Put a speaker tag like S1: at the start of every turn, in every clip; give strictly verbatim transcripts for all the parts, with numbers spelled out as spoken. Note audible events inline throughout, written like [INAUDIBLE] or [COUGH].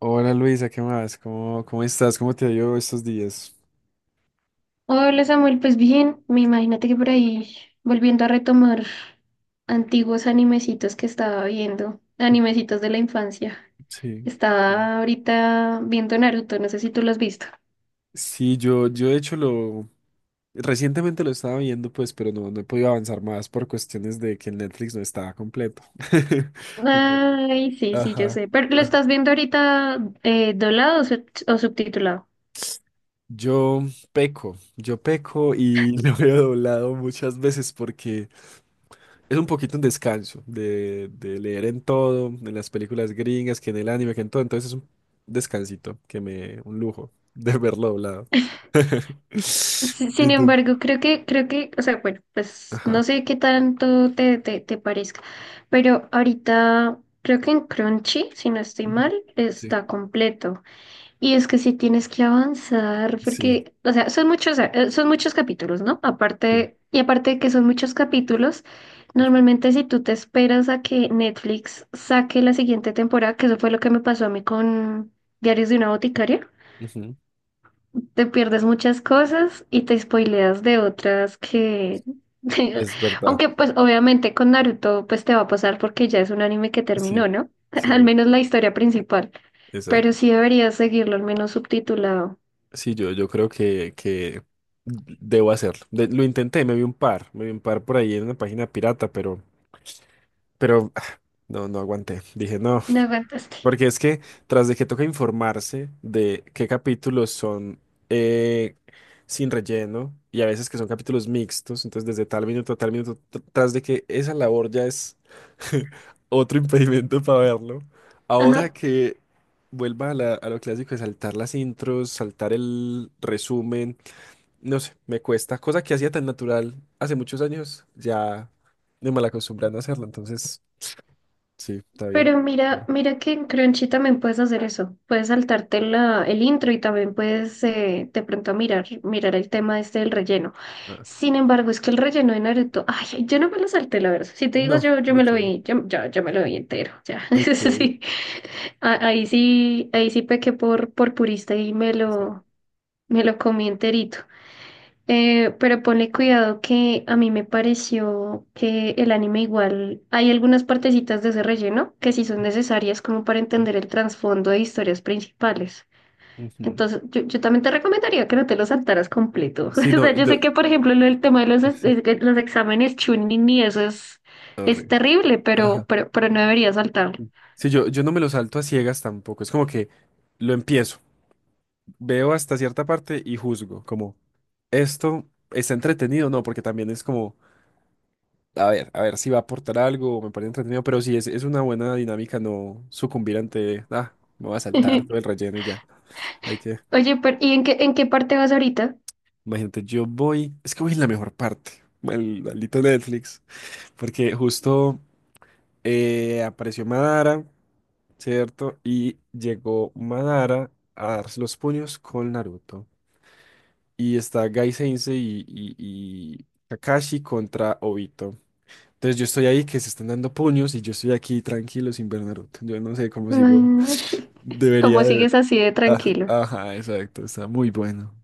S1: Hola Luisa, ¿qué más? ¿Cómo, cómo estás? ¿Cómo te ha ido estos días?
S2: Hola Samuel, pues bien, me imagínate que por ahí volviendo a retomar antiguos animecitos que estaba viendo, animecitos de la infancia.
S1: Sí. Sí.
S2: Estaba ahorita viendo Naruto, no sé si tú lo has visto.
S1: Sí, yo, yo de hecho lo recientemente lo estaba viendo, pues, pero no, no he podido avanzar más por cuestiones de que el Netflix no estaba completo. [LAUGHS]
S2: Ay, sí, sí, yo
S1: Ajá.
S2: sé, pero ¿lo
S1: Ajá.
S2: estás viendo ahorita eh, doblado o, sub- o subtitulado?
S1: Yo peco, yo peco y [LAUGHS] lo he doblado muchas veces porque es un poquito un descanso de, de leer en todo, en las películas gringas, que en el anime, que en todo. Entonces es un descansito, que me, un lujo de [LAUGHS] verlo doblado.
S2: Si- Sin
S1: Y tú.
S2: embargo, creo que, creo que, o sea, bueno, pues no
S1: Ajá.
S2: sé qué tanto te, te, te parezca, pero ahorita creo que en Crunchy, si no estoy mal,
S1: Ujú. Sí.
S2: está completo. Y es que sí tienes que avanzar,
S1: Sí,
S2: porque, o sea, son muchos, eh, son muchos capítulos, ¿no?
S1: sí.
S2: Aparte, y aparte de que son muchos capítulos, normalmente si tú te esperas a que Netflix saque la siguiente temporada, que eso fue lo que me pasó a mí con Diarios de una boticaria,
S1: Ujú.
S2: te pierdes muchas cosas y te spoileas de otras que, [LAUGHS]
S1: Es verdad.
S2: aunque pues obviamente con Naruto pues te va a pasar porque ya es un anime que
S1: Sí,
S2: terminó, ¿no? [LAUGHS] Al
S1: sí,
S2: menos la historia principal,
S1: exacto.
S2: pero sí deberías seguirlo al menos subtitulado.
S1: Sí, yo, yo creo que, que debo hacerlo. De- lo intenté, me vi un par, me vi un par por ahí en una página pirata, pero, pero ah, no, no aguanté. Dije, no.
S2: No aguantaste.
S1: Porque es que tras de que toca informarse de qué capítulos son eh, sin relleno y a veces que son capítulos mixtos, entonces desde tal minuto a tal minuto, tr- tras de que esa labor ya es [LAUGHS] otro impedimento para verlo, ahora
S2: Ajá.
S1: que vuelva a, la- a lo clásico de saltar las intros, saltar el resumen, no sé, me cuesta, cosa que hacía tan natural hace muchos años, ya me mal acostumbran a no hacerlo, entonces sí, está bien.
S2: Pero mira,
S1: Vale.
S2: mira que en Crunchy también puedes hacer eso. Puedes saltarte la, el intro y también puedes eh, de pronto mirar, mirar el tema este del relleno.
S1: Ah.
S2: Sin embargo, es que el relleno de Naruto, ay, yo no me lo salté, la verdad. Si te digo
S1: No,
S2: yo, yo me lo
S1: ok.
S2: vi, yo, yo, yo me lo vi entero. Ya, [LAUGHS]
S1: Ok, sí,
S2: sí. A- Ahí sí, ahí sí pequé por, por purista y me lo, me lo comí enterito. Eh, pero ponle cuidado que a mí me pareció que el anime igual hay algunas partecitas de ese relleno que sí son necesarias como para
S1: sí.
S2: entender el trasfondo de historias principales.
S1: Ujú.
S2: Entonces, yo, yo también te recomendaría que no te lo saltaras completo.
S1: Sí,
S2: [LAUGHS] O
S1: no,
S2: sea, yo sé
S1: yo,
S2: que, por ejemplo, lo del tema de los, es-
S1: sí,
S2: de los exámenes Chunin y eso es, es
S1: horrible.
S2: terrible, pero,
S1: Ajá.
S2: pero, pero no deberías saltarlo.
S1: Sí, yo, yo no me lo salto a ciegas tampoco. Es como que lo empiezo, veo hasta cierta parte y juzgo, como esto está entretenido, o no, porque también es como, a ver, a ver si va a aportar algo, o me parece entretenido, pero sí es, es una buena dinámica no sucumbir ante, ah, me voy a saltar todo
S2: [LAUGHS]
S1: el relleno y ya. Hay que,
S2: Oye, pero, ¿y en qué, en qué parte vas ahorita?
S1: imagínate, yo voy, es que voy en la mejor parte, mal- maldito Netflix, porque justo. Eh, apareció Madara, ¿cierto? Y llegó Madara a darse los puños con Naruto. Y está Gai Sensei y, y- y Kakashi contra Obito. Entonces yo estoy ahí que se están dando puños y yo estoy aquí tranquilo sin ver Naruto. Yo no sé cómo sigo.
S2: [LAUGHS]
S1: [LAUGHS] Debería
S2: ¿Cómo
S1: de
S2: sigues
S1: ver.
S2: así de
S1: Ajá,
S2: tranquilo?
S1: ajá, exacto. Está muy bueno.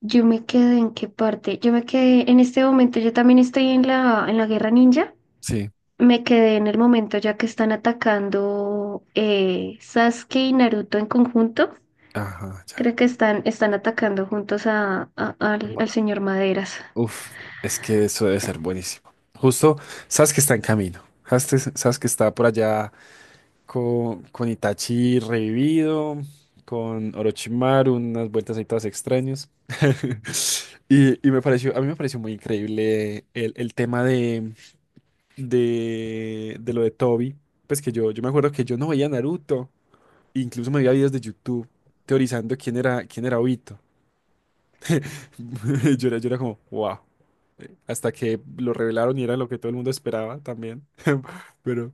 S2: Yo me quedé en qué parte. Yo me quedé en este momento. Yo también estoy en la, en la guerra ninja.
S1: Sí.
S2: Me quedé en el momento ya que están atacando eh, Sasuke y Naruto en conjunto.
S1: Ajá, ya.
S2: Creo que están, están atacando juntos a, a- al, al
S1: Ma-
S2: señor Maderas
S1: Uf, es que eso debe ser buenísimo. Justo, sabes que está en camino. Sabes sabes que está por allá con, con Itachi revivido, con Orochimaru, unas vueltas ahí todas extrañas. [LAUGHS] Y, y me pareció, a mí me pareció muy increíble el, el tema de, de, de lo de Tobi. Pues que yo, yo me acuerdo que yo no veía Naruto, incluso me veía videos de YouTube teorizando quién era, quién era Obito. [LAUGHS] Yo era, yo era como, wow. Hasta que lo revelaron y era lo que todo el mundo esperaba también. [LAUGHS] Pero,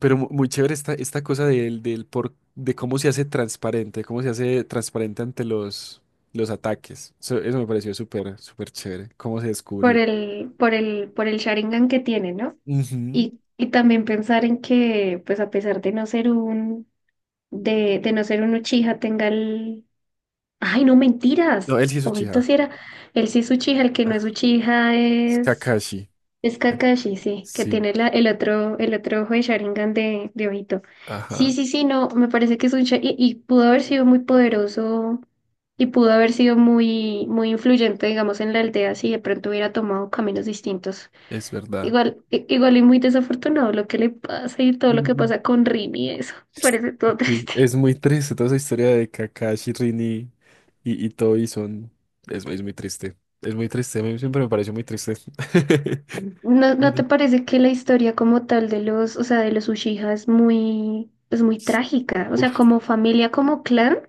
S1: pero mu- muy chévere esta, esta cosa del, del por, de cómo se hace transparente, cómo se hace transparente ante los, los ataques. Eso, eso me pareció súper, súper chévere, cómo se
S2: por
S1: descubrió.
S2: el, por el, por el Sharingan que tiene, ¿no?
S1: Ujú.
S2: Y, y también pensar en que, pues a pesar de no ser un, de, de no ser un Uchiha, tenga el, ay, no
S1: No,
S2: mentiras.
S1: él sí es
S2: Obito
S1: Uchiha.
S2: sí era. Él sí es Uchiha, el que no es
S1: Ah,
S2: Uchiha
S1: es
S2: es,
S1: Kakashi.
S2: es
S1: Eh,
S2: Kakashi, sí, que
S1: Sí,
S2: tiene la, el otro, el otro ojo de Sharingan de, de Obito. Sí,
S1: ajá,
S2: sí, sí, no, me parece que es un Uchiha y, y pudo haber sido muy poderoso y pudo haber sido muy, muy influyente, digamos, en la aldea si de pronto hubiera tomado caminos distintos.
S1: es verdad.
S2: Igual, i- igual y muy desafortunado lo que le pasa y todo lo que
S1: Ujú.
S2: pasa con Rin y eso. [LAUGHS] Me parece todo
S1: Sí,
S2: triste.
S1: es muy triste toda esa historia de Kakashi, Rin y, y, y Tobi son... Es, es muy triste. Es muy triste. A mí siempre me pareció muy triste. [LAUGHS]
S2: ¿No,
S1: Y
S2: no te
S1: no.
S2: parece que la historia como tal de los, o sea, de los Uchiha es muy, es muy trágica? O sea,
S1: Uf.
S2: como familia, como clan,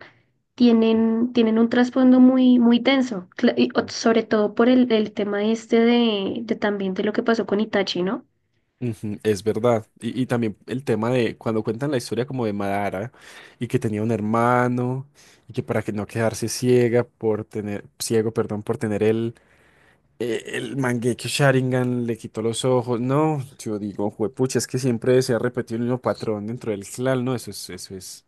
S2: tienen, tienen un trasfondo muy, muy denso, Cla- y o- sobre todo por el, el tema este de, de también de lo que pasó con Itachi, ¿no?
S1: Ujú, es verdad. Y, y también el tema de cuando cuentan la historia como de Madara y que tenía un hermano y que para que no quedarse ciega por tener, ciego, perdón, por tener el, eh, el Mangekyo Sharingan le quitó los ojos. No, yo digo, juepucha, es que siempre se ha repetido el mismo patrón dentro del clan, ¿no? Eso es, eso es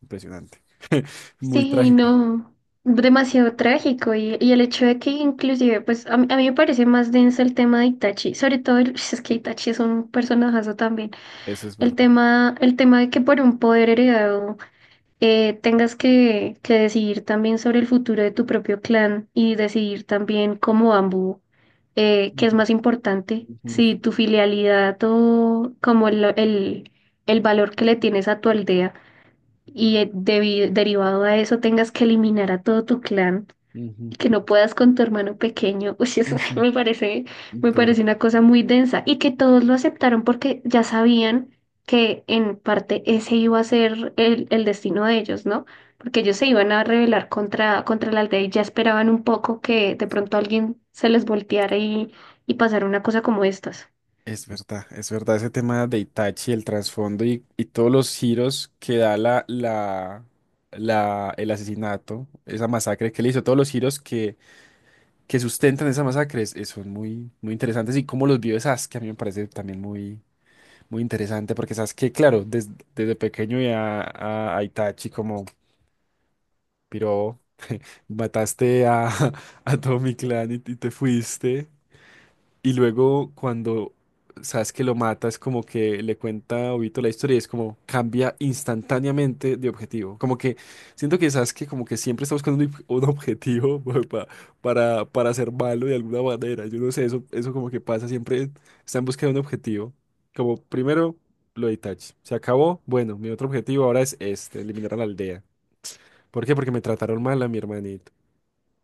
S1: impresionante. [LAUGHS] Muy
S2: Sí,
S1: trágico.
S2: no, demasiado trágico y, y el hecho de que inclusive, pues a, mí a mí me parece más denso el tema de Itachi, sobre todo el- [LAUGHS] es que Itachi es un personajazo también,
S1: Eso es
S2: el
S1: verdad.
S2: tema, el tema de que por un poder heredado eh, tengas que, que decidir también sobre el futuro de tu propio clan y decidir también como Ambu eh, qué es
S1: Ujú,
S2: más importante,
S1: ujú,
S2: si tu filialidad o como el, el, el valor que le tienes a tu aldea y eh, debi- derivado a eso tengas que eliminar a todo tu clan
S1: ujú,
S2: y que no puedas con tu hermano pequeño, [LAUGHS] uy, eso sí
S1: ujú.
S2: me parece, me
S1: Duro.
S2: parece una cosa muy densa y que todos lo aceptaron porque ya sabían que en parte ese iba a ser el, el destino de ellos, ¿no? Porque ellos se iban a rebelar contra, contra la aldea y ya esperaban un poco que de pronto alguien se les volteara y, y pasara una cosa como estas.
S1: Es verdad, es verdad, ese tema de Itachi, el trasfondo y, y todos los giros que da la, la, la- el asesinato, esa masacre que le hizo, todos los giros que, que sustentan esa masacre es- es- son muy, muy interesantes y cómo los vive Sasuke a mí me parece también muy, muy interesante porque Sasuke, claro, des- desde pequeño ya a, a Itachi como, piro, mataste a, [LAUGHS] a todo mi clan y, y te fuiste. Y luego cuando sabes que lo mata, es como que le cuenta a Obito la historia y es como cambia instantáneamente de objetivo. Como que siento que sabes que como que siempre está buscando un, ob- un objetivo [LAUGHS] pa- para, para ser malo de alguna manera. Yo no sé, eso, eso como que pasa, siempre está en busca de un objetivo. Como primero lo de Itachi. Se acabó, bueno, mi otro objetivo ahora es este, eliminar a la aldea. ¿Por qué? Porque me trataron mal a mi hermanito.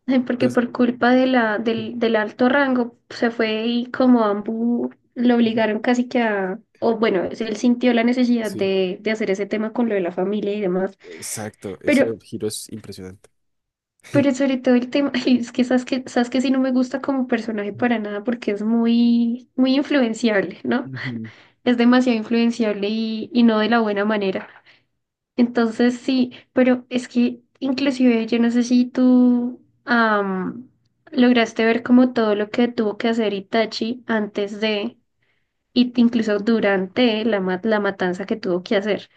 S2: Ay, porque
S1: Entonces.
S2: por culpa de la, del, del alto rango se fue y como Ambu lo
S1: Ujú.
S2: obligaron casi que a, o bueno, él sintió la necesidad
S1: Sí.
S2: de, de hacer ese tema con lo de la familia y demás,
S1: Exacto, ese
S2: pero,
S1: giro es impresionante.
S2: pero
S1: [LAUGHS]
S2: sobre todo el tema, [LAUGHS] ay, es que sabes que, sabes que sí no me gusta como personaje para nada porque es muy, muy influenciable, ¿no?
S1: Ujú.
S2: Es demasiado influenciable y, y no de la buena manera. Entonces sí, pero es que inclusive yo no sé si tú am, lograste ver como todo lo que tuvo que hacer Itachi antes de, y incluso durante la, ma- la matanza que tuvo que hacer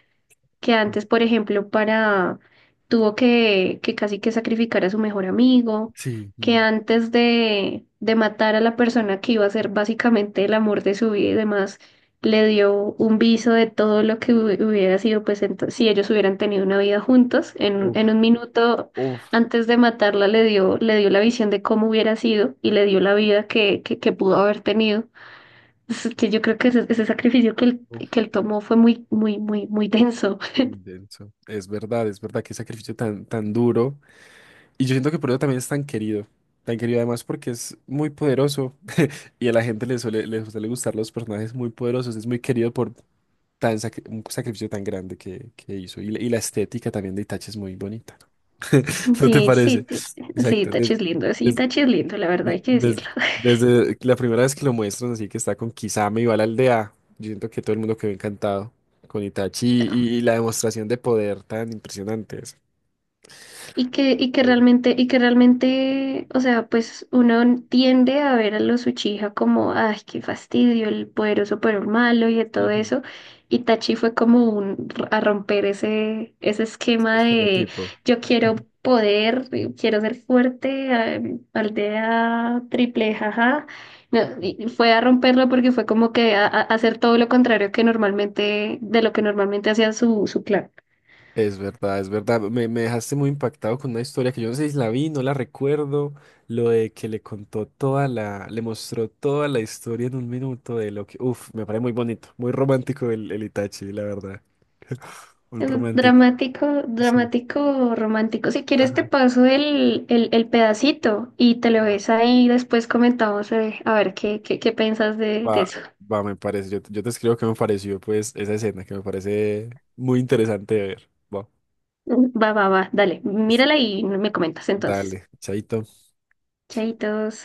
S2: que antes, por ejemplo, para tuvo que, que casi que sacrificar a su mejor amigo,
S1: Sí,
S2: que
S1: mm,
S2: antes de, de matar a la persona que iba a ser básicamente el amor de su vida y demás, le dio un viso de todo lo que hu- hubiera sido, pues ento- si ellos hubieran tenido una vida juntos, en, en
S1: uf,
S2: un minuto
S1: uf,
S2: antes de matarla le dio, le dio la visión de cómo hubiera sido y le dio la vida que, que, que pudo haber tenido. Es que yo creo que ese, ese sacrificio que él, que
S1: uf,
S2: él tomó fue muy, muy, muy, muy denso.
S1: muy denso. Es verdad, es verdad, que sacrificio tan, tan duro. Y yo siento que por eso también es tan querido. Tan querido además porque es muy poderoso y a la gente le suele, le suele gustar los personajes muy poderosos. Es muy querido por tan sacri- un sacrificio tan grande que, que hizo. Y, la y la estética también de Itachi es muy bonita, ¿no? [LAUGHS] ¿No te
S2: Sí, sí,
S1: parece?
S2: te- sí,
S1: Exacto.
S2: Tachi
S1: des-
S2: es lindo, sí,
S1: des-
S2: Tachi es lindo, la verdad
S1: De-
S2: hay que
S1: des-
S2: decirlo. [LAUGHS]
S1: Desde la primera vez que lo muestran, así que está con Kisame y va a la aldea, yo siento que todo el mundo quedó encantado con Itachi y, y la demostración de poder tan impresionante. Esa.
S2: Y que, y que
S1: Sí.
S2: realmente, y que realmente, o sea, pues uno tiende a ver a los Uchiha como, ay, qué fastidio, el poderoso pero el malo y de todo
S1: Ujú.
S2: eso. Y Tachi fue como un, a romper ese, ese esquema de
S1: Estereotipo.
S2: yo quiero poder, eh, quiero ser fuerte, ah, aldea triple, jaja. No,
S1: Mm.
S2: y fue a romperlo porque fue como que a, a- a hacer todo lo contrario que normalmente, de lo que normalmente hacía su, su clan.
S1: Es verdad, es verdad. Me, me dejaste muy impactado con una historia que yo no sé si la vi, no la recuerdo. Lo de que le contó toda la, le mostró toda la historia en un minuto de lo que, uf, me parece muy bonito, muy romántico el, el Itachi, la verdad. [LAUGHS] Un
S2: Eh,
S1: romántico.
S2: Dramático,
S1: Sí.
S2: dramático, romántico. Si quieres te
S1: Ajá.
S2: paso el, el, el pedacito y te lo ves ahí y después comentamos eh, a ver qué, qué, qué piensas de, de
S1: Va,
S2: eso.
S1: va, me parece. Yo, te- yo te escribo qué me pareció, pues, esa escena que me parece muy interesante de ver. Va,
S2: [LAUGHS] Va, va, va, dale,
S1: está-
S2: mírala y me comentas entonces.
S1: dale, chaito.
S2: Chaitos.